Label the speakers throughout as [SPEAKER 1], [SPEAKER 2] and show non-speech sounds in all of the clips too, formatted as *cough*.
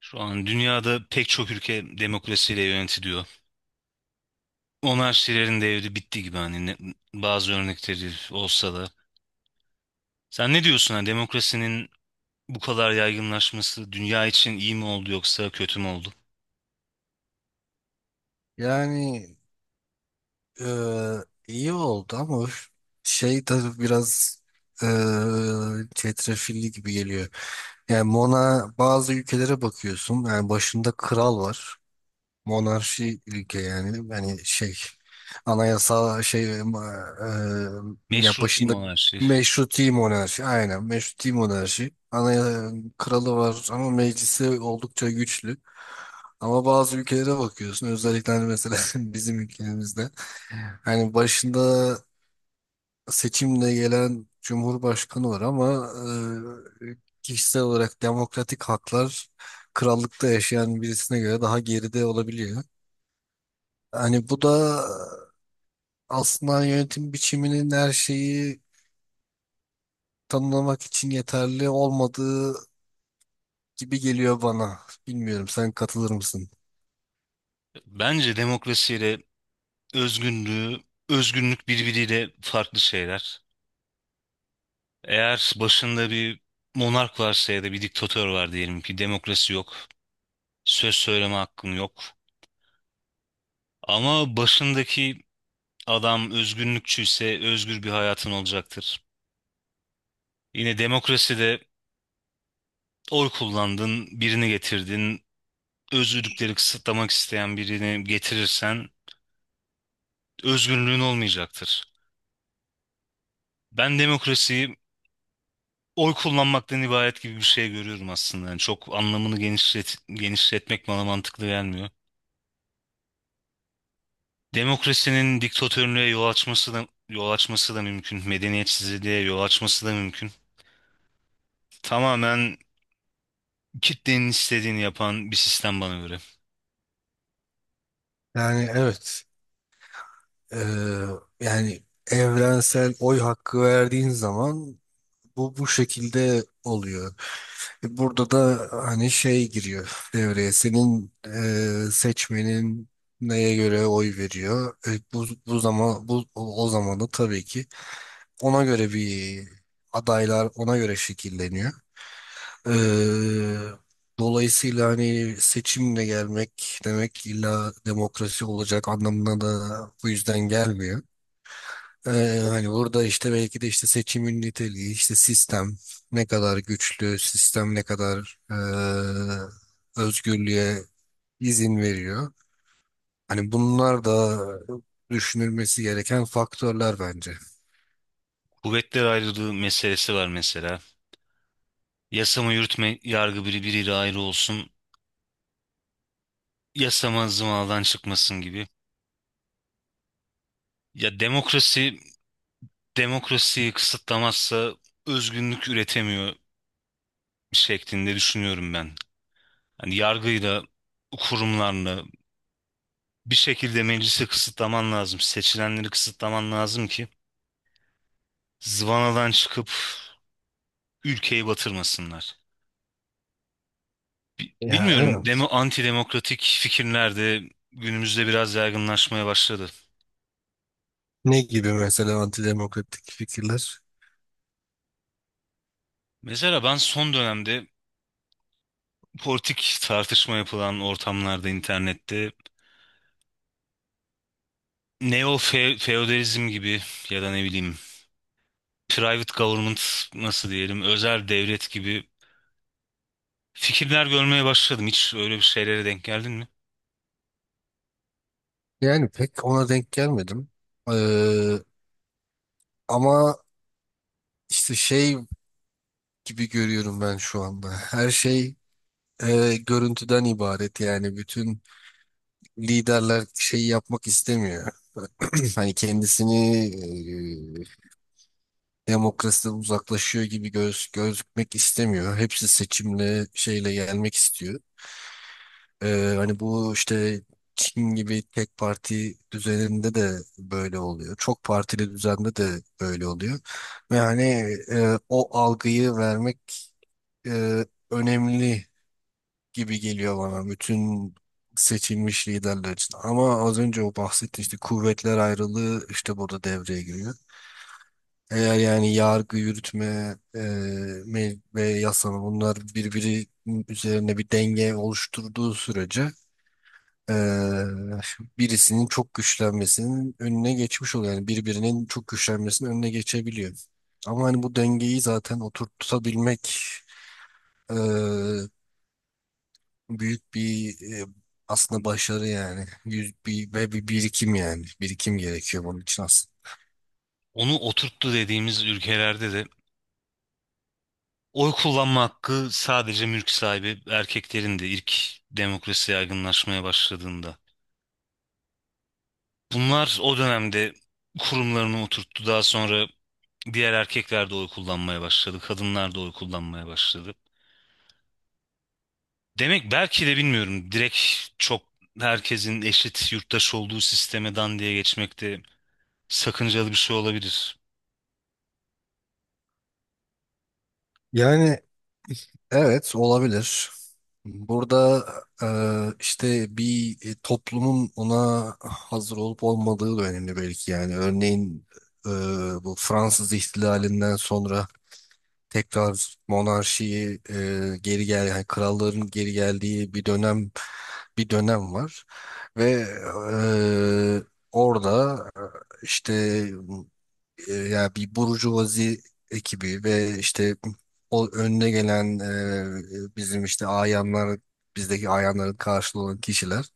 [SPEAKER 1] Şu an dünyada pek çok ülke demokrasiyle yönetiliyor. Monarşilerin devri bitti gibi hani bazı örnekleri olsa da. Sen ne diyorsun hani demokrasinin bu kadar yaygınlaşması dünya için iyi mi oldu yoksa kötü mü oldu?
[SPEAKER 2] Yani iyi oldu ama öf- şey tabii biraz çetrefilli gibi geliyor. Yani Mona bazı ülkelere bakıyorsun. Yani başında kral var, monarşi ülke, anayasa ya
[SPEAKER 1] Meşruti
[SPEAKER 2] başında
[SPEAKER 1] monarşi.
[SPEAKER 2] meşruti monarşi, aynen meşruti monarşi, kralı var ama meclisi oldukça güçlü. Ama bazı ülkelere bakıyorsun, özellikle hani mesela *laughs* bizim ülkemizde hani başında seçimle gelen cumhurbaşkanı var ama e, kişisel olarak demokratik haklar krallıkta yaşayan birisine göre daha geride olabiliyor. Hani bu da aslında yönetim biçiminin her şeyi tanımlamak için yeterli olmadığı gibi geliyor bana. Bilmiyorum, sen katılır mısın?
[SPEAKER 1] Bence demokrasiyle özgünlüğü, özgünlük birbiriyle farklı şeyler. Eğer başında bir monark varsa ya da bir diktatör var diyelim ki demokrasi yok, söz söyleme hakkın yok. Ama başındaki adam özgürlükçüyse özgür bir hayatın olacaktır. Yine demokraside oy kullandın, birini getirdin. Özgürlükleri kısıtlamak isteyen birini getirirsen özgürlüğün olmayacaktır. Ben demokrasiyi oy kullanmaktan ibaret gibi bir şey görüyorum aslında. Yani çok anlamını genişlet, genişletmek bana mantıklı gelmiyor. Demokrasinin diktatörlüğe yol açması da mümkün. Medeniyetsizliğe yol açması da mümkün. Tamamen kitlenin istediğini yapan bir sistem bana göre.
[SPEAKER 2] Yani evet eee, yani evrensel oy hakkı verdiğin zaman bu şekilde oluyor. E, burada da hani şey giriyor devreye, senin seçmenin neye göre oy veriyor. E, bu zaman bu o o zaman da tabii ki ona göre bir, adaylar ona göre şekilleniyor. Ee, Dolayısıyla hani seçimle gelmek demek illa demokrasi olacak anlamına da bu yüzden gelmiyor. Ee, Hani burada işte belki de işte seçimin niteliği, işte sistem ne kadar güçlü, sistem ne kadar e, özgürlüğe izin veriyor. Hani bunlar da düşünülmesi gereken faktörler bence.
[SPEAKER 1] Kuvvetler ayrılığı meselesi var mesela. Yasama yürütme yargı biri biriyle ayrı olsun. Yasama zımaldan çıkmasın gibi. Ya demokrasi demokrasiyi kısıtlamazsa özgünlük üretemiyor şeklinde düşünüyorum ben. Hani yargıyla kurumlarla bir şekilde meclisi kısıtlaman lazım. Seçilenleri kısıtlaman lazım ki zıvanadan çıkıp ülkeyi batırmasınlar.
[SPEAKER 2] Ya,
[SPEAKER 1] Bilmiyorum,
[SPEAKER 2] evet.
[SPEAKER 1] anti demokratik fikirler de günümüzde biraz yaygınlaşmaya başladı.
[SPEAKER 2] Ne gibi mesela antidemokratik fikirler?
[SPEAKER 1] Mesela ben son dönemde politik tartışma yapılan ortamlarda internette feodalizm gibi ya da ne bileyim private government nasıl diyelim özel devlet gibi fikirler görmeye başladım. Hiç öyle bir şeylere denk geldin mi?
[SPEAKER 2] Yani pek ona denk gelmedim. Ee, Ama işte şey gibi görüyorum ben şu anda. Her şey e, görüntüden ibaret. Yani bütün liderler şeyi yapmak istemiyor. *clears throat* Hani kendisini e, demokrasiden uzaklaşıyor gibi gözükmek istemiyor. Hepsi seçimle şeyle gelmek istiyor. Hani bu işte Çin gibi tek parti düzeninde de böyle oluyor. Çok partili düzende de böyle oluyor. Ve hani e, o algıyı vermek e, önemli gibi geliyor bana bütün seçilmiş liderler için. Ama az önce o bahsetti, işte kuvvetler ayrılığı işte burada devreye giriyor. Eğer yani yargı, yürütme ve yasama, bunlar birbiri üzerine bir denge oluşturduğu sürece eee, birisinin çok güçlenmesinin önüne geçmiş oluyor. Yani birbirinin çok güçlenmesinin önüne geçebiliyor. Ama hani bu dengeyi zaten oturtabilmek eee, büyük bir aslında başarı yani. Yüz, bir, ve bir birikim yani. Birikim gerekiyor bunun için aslında.
[SPEAKER 1] Onu oturttu dediğimiz ülkelerde de oy kullanma hakkı sadece mülk sahibi erkeklerin de ilk demokrasi yaygınlaşmaya başladığında. Bunlar o dönemde kurumlarını oturttu. Daha sonra diğer erkekler de oy kullanmaya başladı. Kadınlar da oy kullanmaya başladı. Demek belki de bilmiyorum. Direkt çok herkesin eşit yurttaş olduğu sisteme dan diye geçmek de sakıncalı bir şey olabilir.
[SPEAKER 2] Yani evet, olabilir. Burada e, işte bir e, toplumun ona hazır olup olmadığı da önemli belki yani. Örneğin e, bu Fransız ihtilalinden sonra tekrar monarşiyi e, geri gel yani kralların geri geldiği bir dönem, bir dönem var ve orada işte ya bir burjuvazi ekibi ve işte o önüne gelen e, bizim işte ayanlar, bizdeki ayanların karşılığı olan kişiler,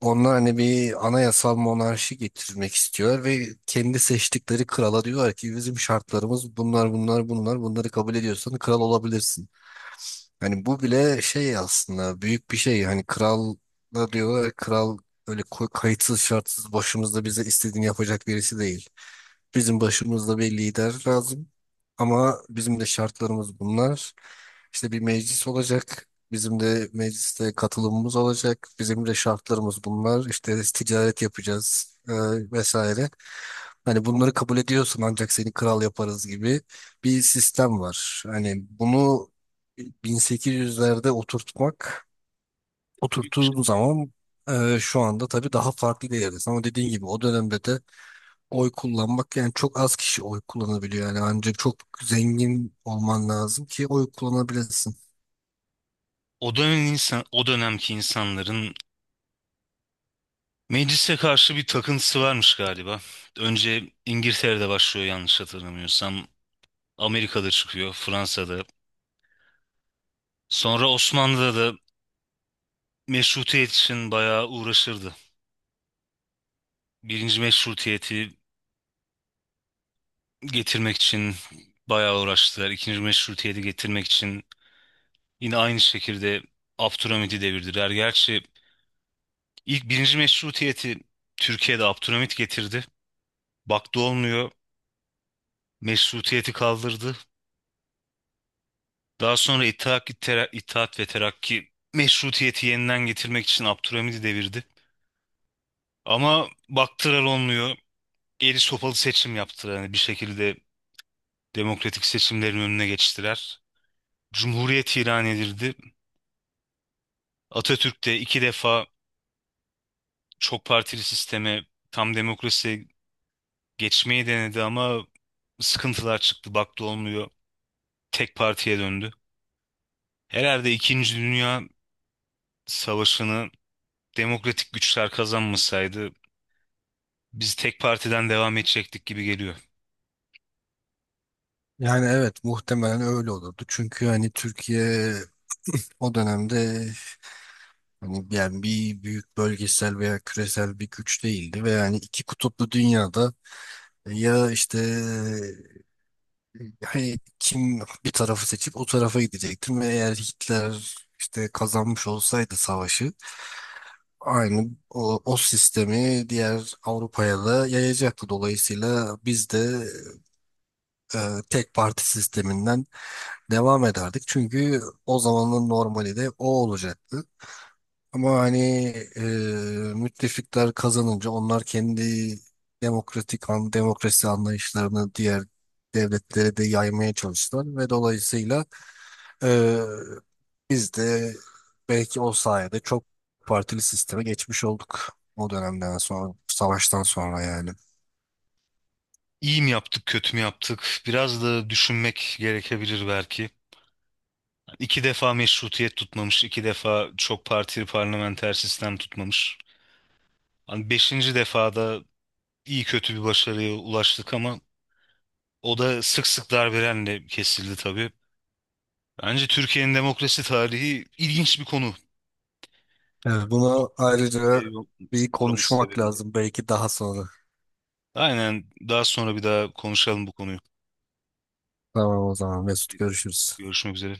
[SPEAKER 2] onlar hani bir anayasal monarşi getirmek istiyor ve kendi seçtikleri krala diyorlar ki bizim şartlarımız bunlar bunlar bunlar, bunları kabul ediyorsan kral olabilirsin. Hani bu bile şey aslında, büyük bir şey. Hani kral da diyorlar, kral öyle kayıtsız şartsız başımızda bize istediğini yapacak birisi değil. Bizim başımızda bir lider lazım. Ama bizim de şartlarımız bunlar. İşte bir meclis olacak. Bizim de mecliste katılımımız olacak. Bizim de şartlarımız bunlar. İşte ticaret yapacağız vesaire. Hani bunları kabul ediyorsun ancak seni kral yaparız gibi bir sistem var. Hani bunu 1800'lerde oturttuğun zaman, e, şu anda tabii daha farklı bir yerdesin. Ama dediğin gibi o dönemde de oy kullanmak yani, çok az kişi oy kullanabiliyor. Yani ancak çok zengin olman lazım ki oy kullanabilesin.
[SPEAKER 1] O dönem insan, o dönemki insanların meclise karşı bir takıntısı varmış galiba. Önce İngiltere'de başlıyor yanlış hatırlamıyorsam. Amerika'da çıkıyor, Fransa'da. Sonra Osmanlı'da da meşrutiyet için bayağı uğraşırdı. Birinci meşrutiyeti getirmek için bayağı uğraştılar. İkinci Meşrutiyet'i getirmek için yine aynı şekilde Abdülhamit'i devirdiler. Gerçi ilk birinci Meşrutiyet'i Türkiye'de Abdülhamit getirdi. Baktı olmuyor. Meşrutiyet'i kaldırdı. Daha sonra İttihat ve Terakki Meşrutiyet'i yeniden getirmek için Abdülhamit'i devirdi. Ama baktılar olmuyor. Eli sopalı seçim yaptılar. Yani bir şekilde demokratik seçimlerin önüne geçtiler. Cumhuriyet ilan edildi. Atatürk de iki defa çok partili sisteme, tam demokrasiye geçmeyi denedi ama sıkıntılar çıktı. Baktı olmuyor. Tek partiye döndü. Herhalde İkinci Dünya Savaşı'nı demokratik güçler kazanmasaydı biz tek partiden devam edecektik gibi geliyor.
[SPEAKER 2] Yani evet, muhtemelen öyle olurdu. Çünkü hani Türkiye o dönemde hani yani bir büyük bölgesel veya küresel bir güç değildi ve yani iki kutuplu dünyada ya işte, hani kim bir tarafı seçip o tarafa gidecektim ve eğer Hitler işte kazanmış olsaydı savaşı, aynı o sistemi diğer Avrupa'ya da yayacaktı. Dolayısıyla biz de e, tek parti sisteminden devam ederdik. Çünkü o zamanın normali de o olacaktı. Ama hani e, müttefikler kazanınca onlar kendi demokrasi anlayışlarını diğer devletlere de yaymaya çalıştılar ve dolayısıyla Ee, biz de belki o sayede çok partili sisteme geçmiş olduk. O dönemden sonra, savaştan sonra yani.
[SPEAKER 1] İyi mi yaptık, kötü mü yaptık? Biraz da düşünmek gerekebilir belki. İki defa meşrutiyet tutmamış, iki defa çok partili parlamenter sistem tutmamış. Hani beşinci defada iyi kötü bir başarıya ulaştık ama o da sık sık darbelerle kesildi tabii. Bence Türkiye'nin demokrasi tarihi ilginç bir konu.
[SPEAKER 2] Evet,
[SPEAKER 1] Çok
[SPEAKER 2] bunu ayrıca
[SPEAKER 1] kesintiye
[SPEAKER 2] bir
[SPEAKER 1] uğraması
[SPEAKER 2] konuşmak
[SPEAKER 1] sebebiyle.
[SPEAKER 2] lazım belki daha sonra.
[SPEAKER 1] Aynen daha sonra bir daha konuşalım bu konuyu.
[SPEAKER 2] Tamam o zaman Mesut, görüşürüz.
[SPEAKER 1] Görüşmek üzere.